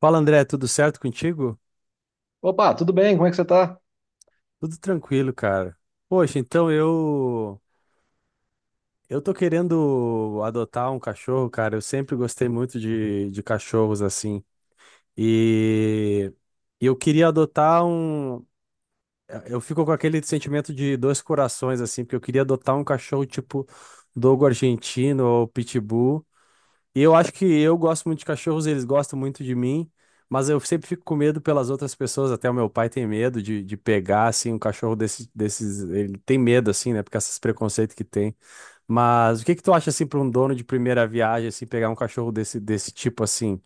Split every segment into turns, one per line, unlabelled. Fala, André, tudo certo contigo?
Opa, tudo bem? Como é que você tá?
Tudo tranquilo, cara. Poxa, então eu tô querendo adotar um cachorro, cara. Eu sempre gostei muito de cachorros assim. E e eu queria adotar um eu Fico com aquele sentimento de 2 corações assim, porque eu queria adotar um cachorro tipo dogo argentino ou pitbull. Eu acho que eu gosto muito de cachorros, eles gostam muito de mim, mas eu sempre fico com medo pelas outras pessoas, até o meu pai tem medo de pegar, assim, um cachorro desses, ele tem medo, assim, né, porque esses preconceitos que tem. Mas o que que tu acha, assim, para um dono de primeira viagem, assim, pegar um cachorro desse tipo, assim?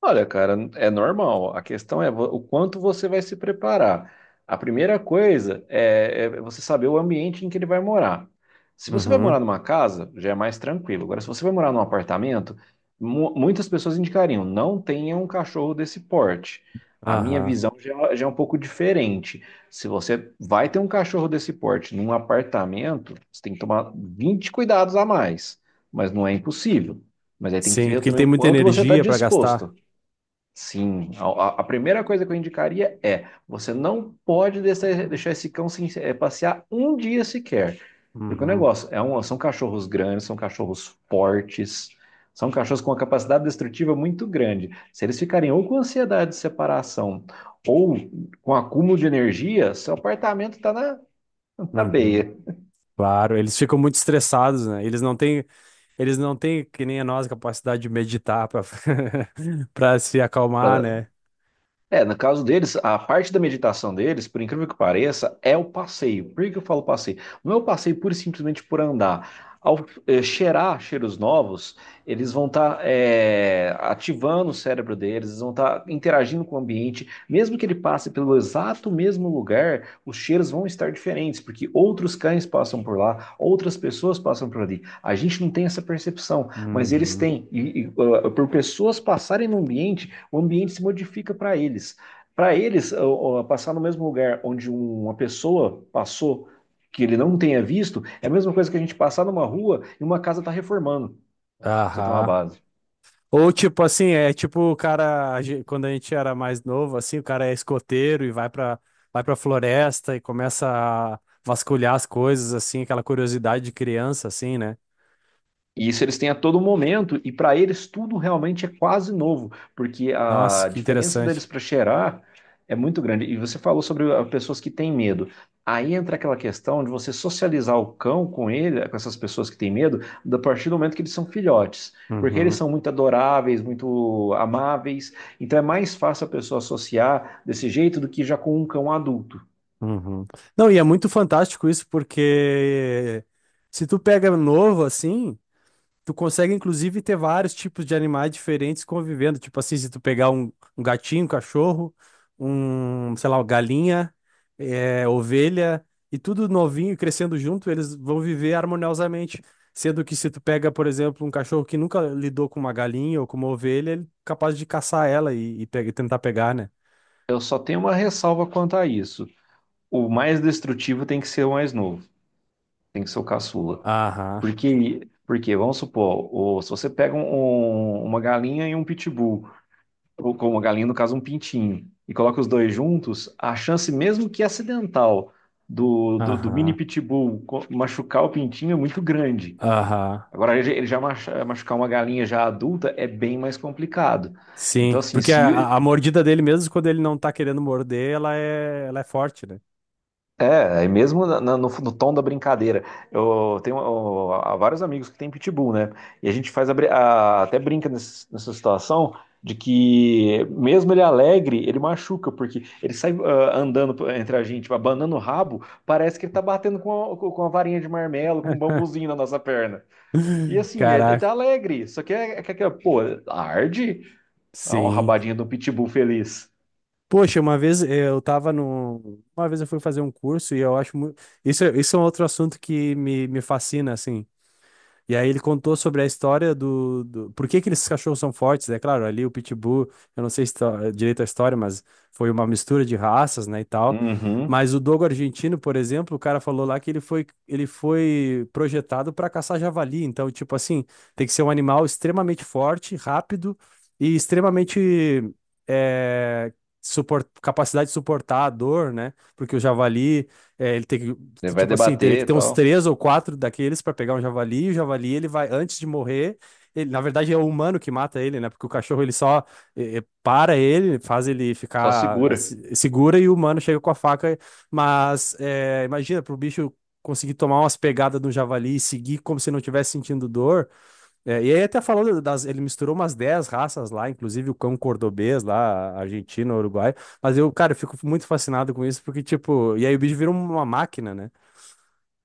Olha, cara, é normal. A questão é o quanto você vai se preparar. A primeira coisa é você saber o ambiente em que ele vai morar. Se você vai
Uhum,
morar numa casa, já é mais tranquilo. Agora, se você vai morar num apartamento, muitas pessoas indicariam, não tenha um cachorro desse porte. A minha
aham.
visão já é um pouco diferente. Se você vai ter um cachorro desse porte num apartamento, você tem que tomar 20 cuidados a mais, mas não é impossível. Mas aí tem que
Sim,
ver
porque ele
também
tem
o
muita
quanto você está
energia para gastar.
disposto. Sim, primeira coisa que eu indicaria é: você não pode deixar esse cão se, passear um dia sequer. Porque o
Uhum,
negócio é um, são cachorros grandes, são cachorros fortes, são cachorros com uma capacidade destrutiva muito grande. Se eles ficarem ou com ansiedade de separação ou com acúmulo de energia, seu apartamento está na
uhum.
beia
Claro, eles ficam muito estressados, né? Eles não têm. Eles não têm, que nem a nós, capacidade de meditar para para se acalmar,
para
né?
É, no caso deles, a parte da meditação deles, por incrível que pareça, é o passeio. Por que que eu falo passeio? Não é o passeio pura e simplesmente por andar. Ao cheirar cheiros novos, eles vão estar ativando o cérebro deles, eles vão estar interagindo com o ambiente. Mesmo que ele passe pelo exato mesmo lugar, os cheiros vão estar diferentes, porque outros cães passam por lá, outras pessoas passam por ali. A gente não tem essa percepção, mas eles
Uhum.
têm. E por pessoas passarem no ambiente, o ambiente se modifica para eles. Para eles, passar no mesmo lugar onde uma pessoa passou que ele não tenha visto, é a mesma coisa que a gente passar numa rua e uma casa está reformando. Pra Você tem uma
Aham.
base.
Ou tipo assim, é tipo o cara, quando a gente era mais novo, assim, o cara é escoteiro e vai pra floresta e começa a vasculhar as coisas, assim, aquela curiosidade de criança, assim, né?
E isso eles têm a todo momento, e para eles tudo realmente é quase novo, porque
Nossa,
a
que
diferença
interessante.
deles para cheirar é muito grande. E você falou sobre ah, pessoas que têm medo. Aí entra aquela questão de você socializar o cão com ele, com essas pessoas que têm medo, a partir do momento que eles são filhotes, porque eles
Uhum.
são muito adoráveis, muito amáveis. Então é mais fácil a pessoa associar desse jeito do que já com um cão adulto.
Uhum. Não, e é muito fantástico isso, porque se tu pega novo, assim. Tu consegue, inclusive, ter vários tipos de animais diferentes convivendo. Tipo assim, se tu pegar um gatinho, um cachorro, um, sei lá, uma galinha, ovelha, e tudo novinho e crescendo junto, eles vão viver harmoniosamente. Sendo que se tu pega, por exemplo, um cachorro que nunca lidou com uma galinha ou com uma ovelha, ele é capaz de caçar ela e tentar pegar, né?
Eu só tenho uma ressalva quanto a isso. O mais destrutivo tem que ser o mais novo, tem que ser o caçula.
Aham,
Porque vamos supor, se você pega uma galinha e um pitbull, ou com uma galinha, no caso, um pintinho, e coloca os dois juntos, a chance, mesmo que acidental, do mini
aham,
pitbull machucar o pintinho é muito grande.
aham.
Agora, ele já machucar uma galinha já adulta é bem mais complicado. Então,
Sim,
assim,
porque a,
se,
a a mordida dele, mesmo quando ele não tá querendo morder, ela é forte, né?
é, e mesmo no tom da brincadeira. Eu tenho ó, há vários amigos que têm pitbull, né? E a gente faz a até brinca nessa situação de que, mesmo ele alegre, ele machuca, porque ele sai ah, andando entre a gente, abanando o rabo, parece que ele tá batendo com a varinha de marmelo, com um bambuzinho na nossa perna. E assim, é, ele
Caraca,
tá alegre, só que pô, arde. Ah, uma
sim.
rabadinha do pitbull feliz.
Poxa, uma vez eh, eu tava no. Uma vez eu fui fazer um curso e eu acho muito. Isso, isso é um outro assunto que me fascina, assim. E aí ele contou sobre a história do... Por que que esses cachorros são fortes, né? Claro, ali o Pitbull, eu não sei direito a história, mas foi uma mistura de raças, né, e tal.
Uhum,
Mas o dogo argentino, por exemplo, o cara falou lá que ele foi projetado para caçar javali. Então, tipo assim, tem que ser um animal extremamente forte, rápido e extremamente... eh, capacidade de suportar a dor, né? Porque o javali, ele tem que.
ele vai
Tipo assim, teria que
debater e
ter uns
tal,
3 ou 4 daqueles pra pegar um javali, e o javali ele vai, antes de morrer, na verdade é o humano que mata ele, né? Porque o cachorro ele só para ele, faz ele
só
ficar
segura.
assim, segura e o humano chega com a faca. Mas imagina, pro bicho conseguir tomar umas pegadas do javali e seguir como se não tivesse sentindo dor. É, e aí até falou das, ele misturou umas 10 raças lá, inclusive o cão cordobês lá, Argentina, Uruguai. Mas eu, cara, eu fico muito fascinado com isso, porque, tipo, e aí o bicho vira uma máquina, né?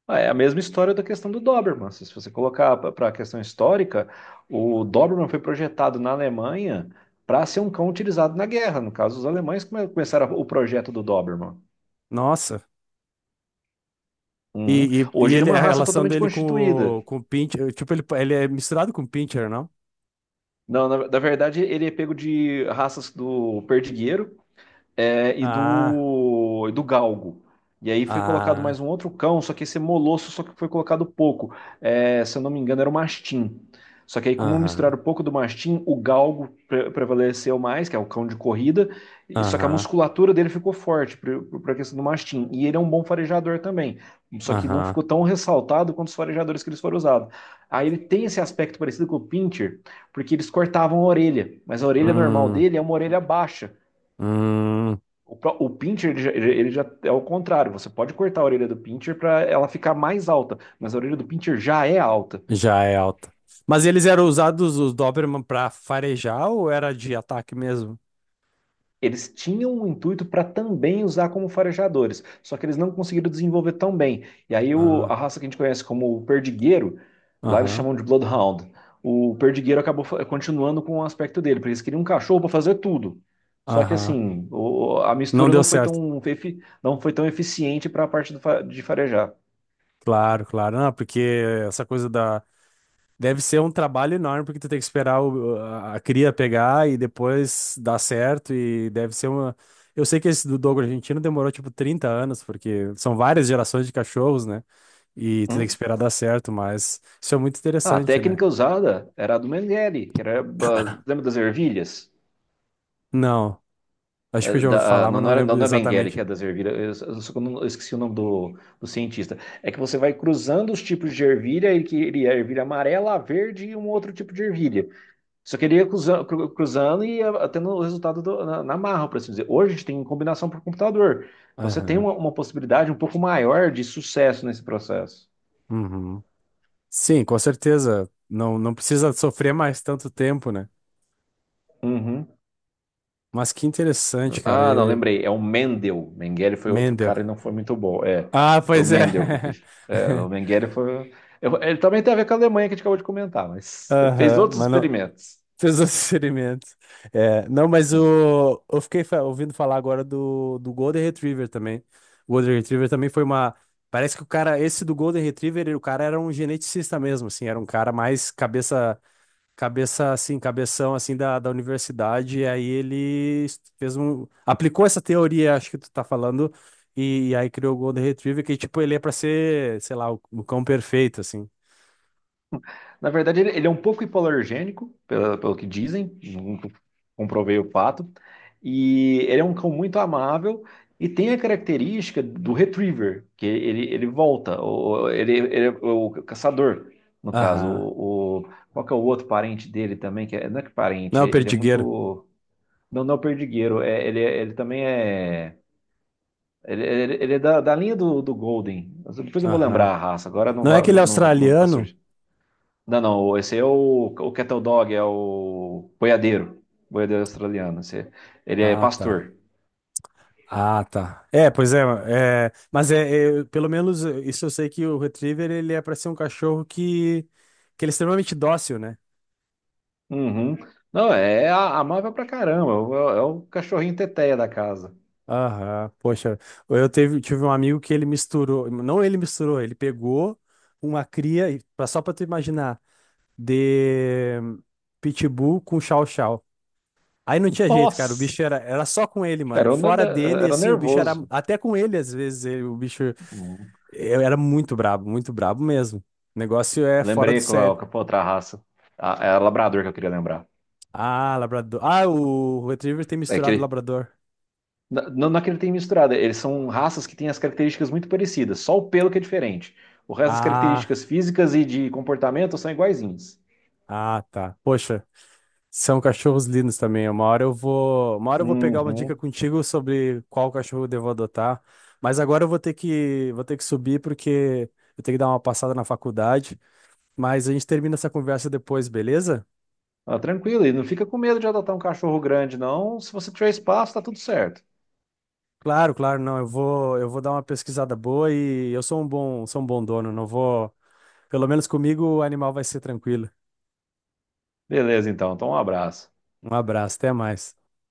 Ah, é a mesma história da questão do Doberman. Se você colocar para a questão histórica, o Doberman foi projetado na Alemanha para ser um cão utilizado na guerra. No caso, os alemães começaram o projeto do Doberman.
Nossa.
Uhum. Hoje ele é uma
A
raça
relação
totalmente
dele com
constituída.
com o Pincher, tipo, ele é misturado com o Pincher, não?
Não, na verdade, ele é pego de raças do perdigueiro,
Ah,
e do galgo. E aí foi colocado
ah,
mais um outro cão, só que esse é molosso, só que foi colocado pouco. É, se eu não me engano, era o mastim. Só que aí, como
aham,
misturaram pouco do mastim, o galgo prevaleceu mais, que é o cão de corrida, só que a
aham,
musculatura dele ficou forte para a questão do mastim. E ele é um bom farejador também, só que não
aham,
ficou tão ressaltado quanto os farejadores que eles foram usados. Aí ele tem esse aspecto parecido com o pincher, porque eles cortavam a orelha, mas a orelha normal
hum,
dele é uma orelha baixa.
hum,
O pincher, ele já é o contrário. Você pode cortar a orelha do pincher para ela ficar mais alta, mas a orelha do pincher já é alta.
já é alta. Mas eles eram usados, os Doberman, pra farejar ou era de ataque mesmo?
Eles tinham um intuito para também usar como farejadores, só que eles não conseguiram desenvolver tão bem. E aí
Ah,
a raça que a gente conhece como o perdigueiro, lá eles
aham,
chamam de Bloodhound. O perdigueiro acabou continuando com o aspecto dele, porque eles queriam um cachorro para fazer tudo. Só que
aham,
assim, a
não
mistura
deu
não foi
certo.
tão, não foi tão eficiente para a parte do de farejar.
Claro, claro, não, porque essa coisa da. Deve ser um trabalho enorme, porque tu tem que esperar a cria pegar e depois dar certo. E deve ser uma. Eu sei que esse do Dogo argentino demorou tipo 30 anos, porque são várias gerações de cachorros, né? E tu tem que
Hum?
esperar dar certo, mas isso é muito
Ah, a
interessante, né?
técnica usada era a do Mengele, que era, ah, lembra das ervilhas?
Não, acho
Ah,
que eu já ouvi falar, mas
não,
não
não era, não,
lembro
não é Mengele que
exatamente.
é das ervilhas, eu só que eu eu esqueci o nome do cientista. É que você vai cruzando os tipos de ervilha, e que ele é ervilha amarela, a verde e um outro tipo de ervilha. Só queria ele cruzando, e ia tendo o resultado na, na marra, por assim dizer. Hoje a gente tem combinação por computador. Então você tem
Aham.
uma possibilidade um pouco maior de sucesso nesse processo.
Uhum. Sim, com certeza. Não, não precisa sofrer mais tanto tempo, né?
Uhum.
Mas que interessante, cara.
Ah, não,
E...
lembrei. É o Mendel. Mengele foi outro
Mendel.
cara e não foi muito bom. É,
Ah,
foi o
pois é.
Mendel que fez. É, o Mengele foi. Ele também tem a ver com a Alemanha que a gente acabou de comentar, mas fez
Aham,
outros
mano.
experimentos.
Fez seus assessoramentos. É, não, mas o, ouvindo falar agora do Golden Retriever também. O Golden Retriever também foi uma. Parece que o cara, esse do Golden Retriever, o cara era um geneticista mesmo, assim, era um cara mais cabeça. Cabeça assim, cabeção assim da universidade, e aí fez um, aplicou essa teoria, acho que tu tá falando, e aí criou o Golden Retriever, que tipo, ele é pra ser, sei lá, o cão perfeito, assim.
Na verdade, ele é um pouco hipoalergênico, pelo que dizem, nunca comprovei o fato. E ele é um cão muito amável e tem a característica do retriever, que ele volta, ele é o caçador, no caso.
Aham.
Qual que é o outro parente dele também? Que não é que
Não é
parente,
o
ele é
perdigueiro.
muito. Não, não é o perdigueiro, ele também é. Ele é da, da linha do Golden. Depois eu vou
Aham.
lembrar a raça, agora não,
Não é aquele
não, não, não tá
australiano?
surgindo. Não, não, esse é o Cattle Dog, é o boiadeiro, boiadeiro australiano. Esse, ele é
Ah, tá.
pastor.
Ah, tá. É, pois é, é, mas é, é, pelo menos isso eu sei que o Retriever ele é para ser um cachorro que ele é extremamente dócil, né?
Uhum. Não, é amável pra caramba, é é o cachorrinho teteia da casa.
Aham, poxa, tive um amigo que ele misturou, não ele misturou, ele pegou uma cria, só pra tu imaginar, de Pitbull com Chow Chow. Aí não tinha jeito, cara,
Nossa,
era só com ele, mano.
era, o
Fora
nada-
dele,
era o
assim,
nervoso.
até com ele às vezes, o bicho
Uhum.
eu era muito brabo mesmo. O negócio é fora do
Lembrei
sério.
qual, qual foi a outra raça. A, é a labrador que eu queria lembrar.
Ah, labrador. Ah, o Retriever tem
É que
misturado
ele,
labrador.
não, não é que ele tem misturado, eles são raças que têm as características muito parecidas, só o pelo que é diferente. O resto das
Ah,
características físicas e de comportamento são iguaizinhas.
ah, tá. Poxa, são cachorros lindos também. Uma hora eu vou pegar uma dica
Uhum.
contigo sobre qual cachorro eu devo adotar. Mas agora eu vou ter que subir porque eu tenho que dar uma passada na faculdade. Mas a gente termina essa conversa depois, beleza?
Ah, tranquilo, e não fica com medo de adotar um cachorro grande, não. Se você tiver espaço, tá tudo certo.
Claro, claro, não. Eu vou dar uma pesquisada boa e eu sou sou um bom dono. Não vou, pelo menos comigo o animal vai ser tranquilo.
Beleza, então. Então, um abraço.
Um abraço, até mais.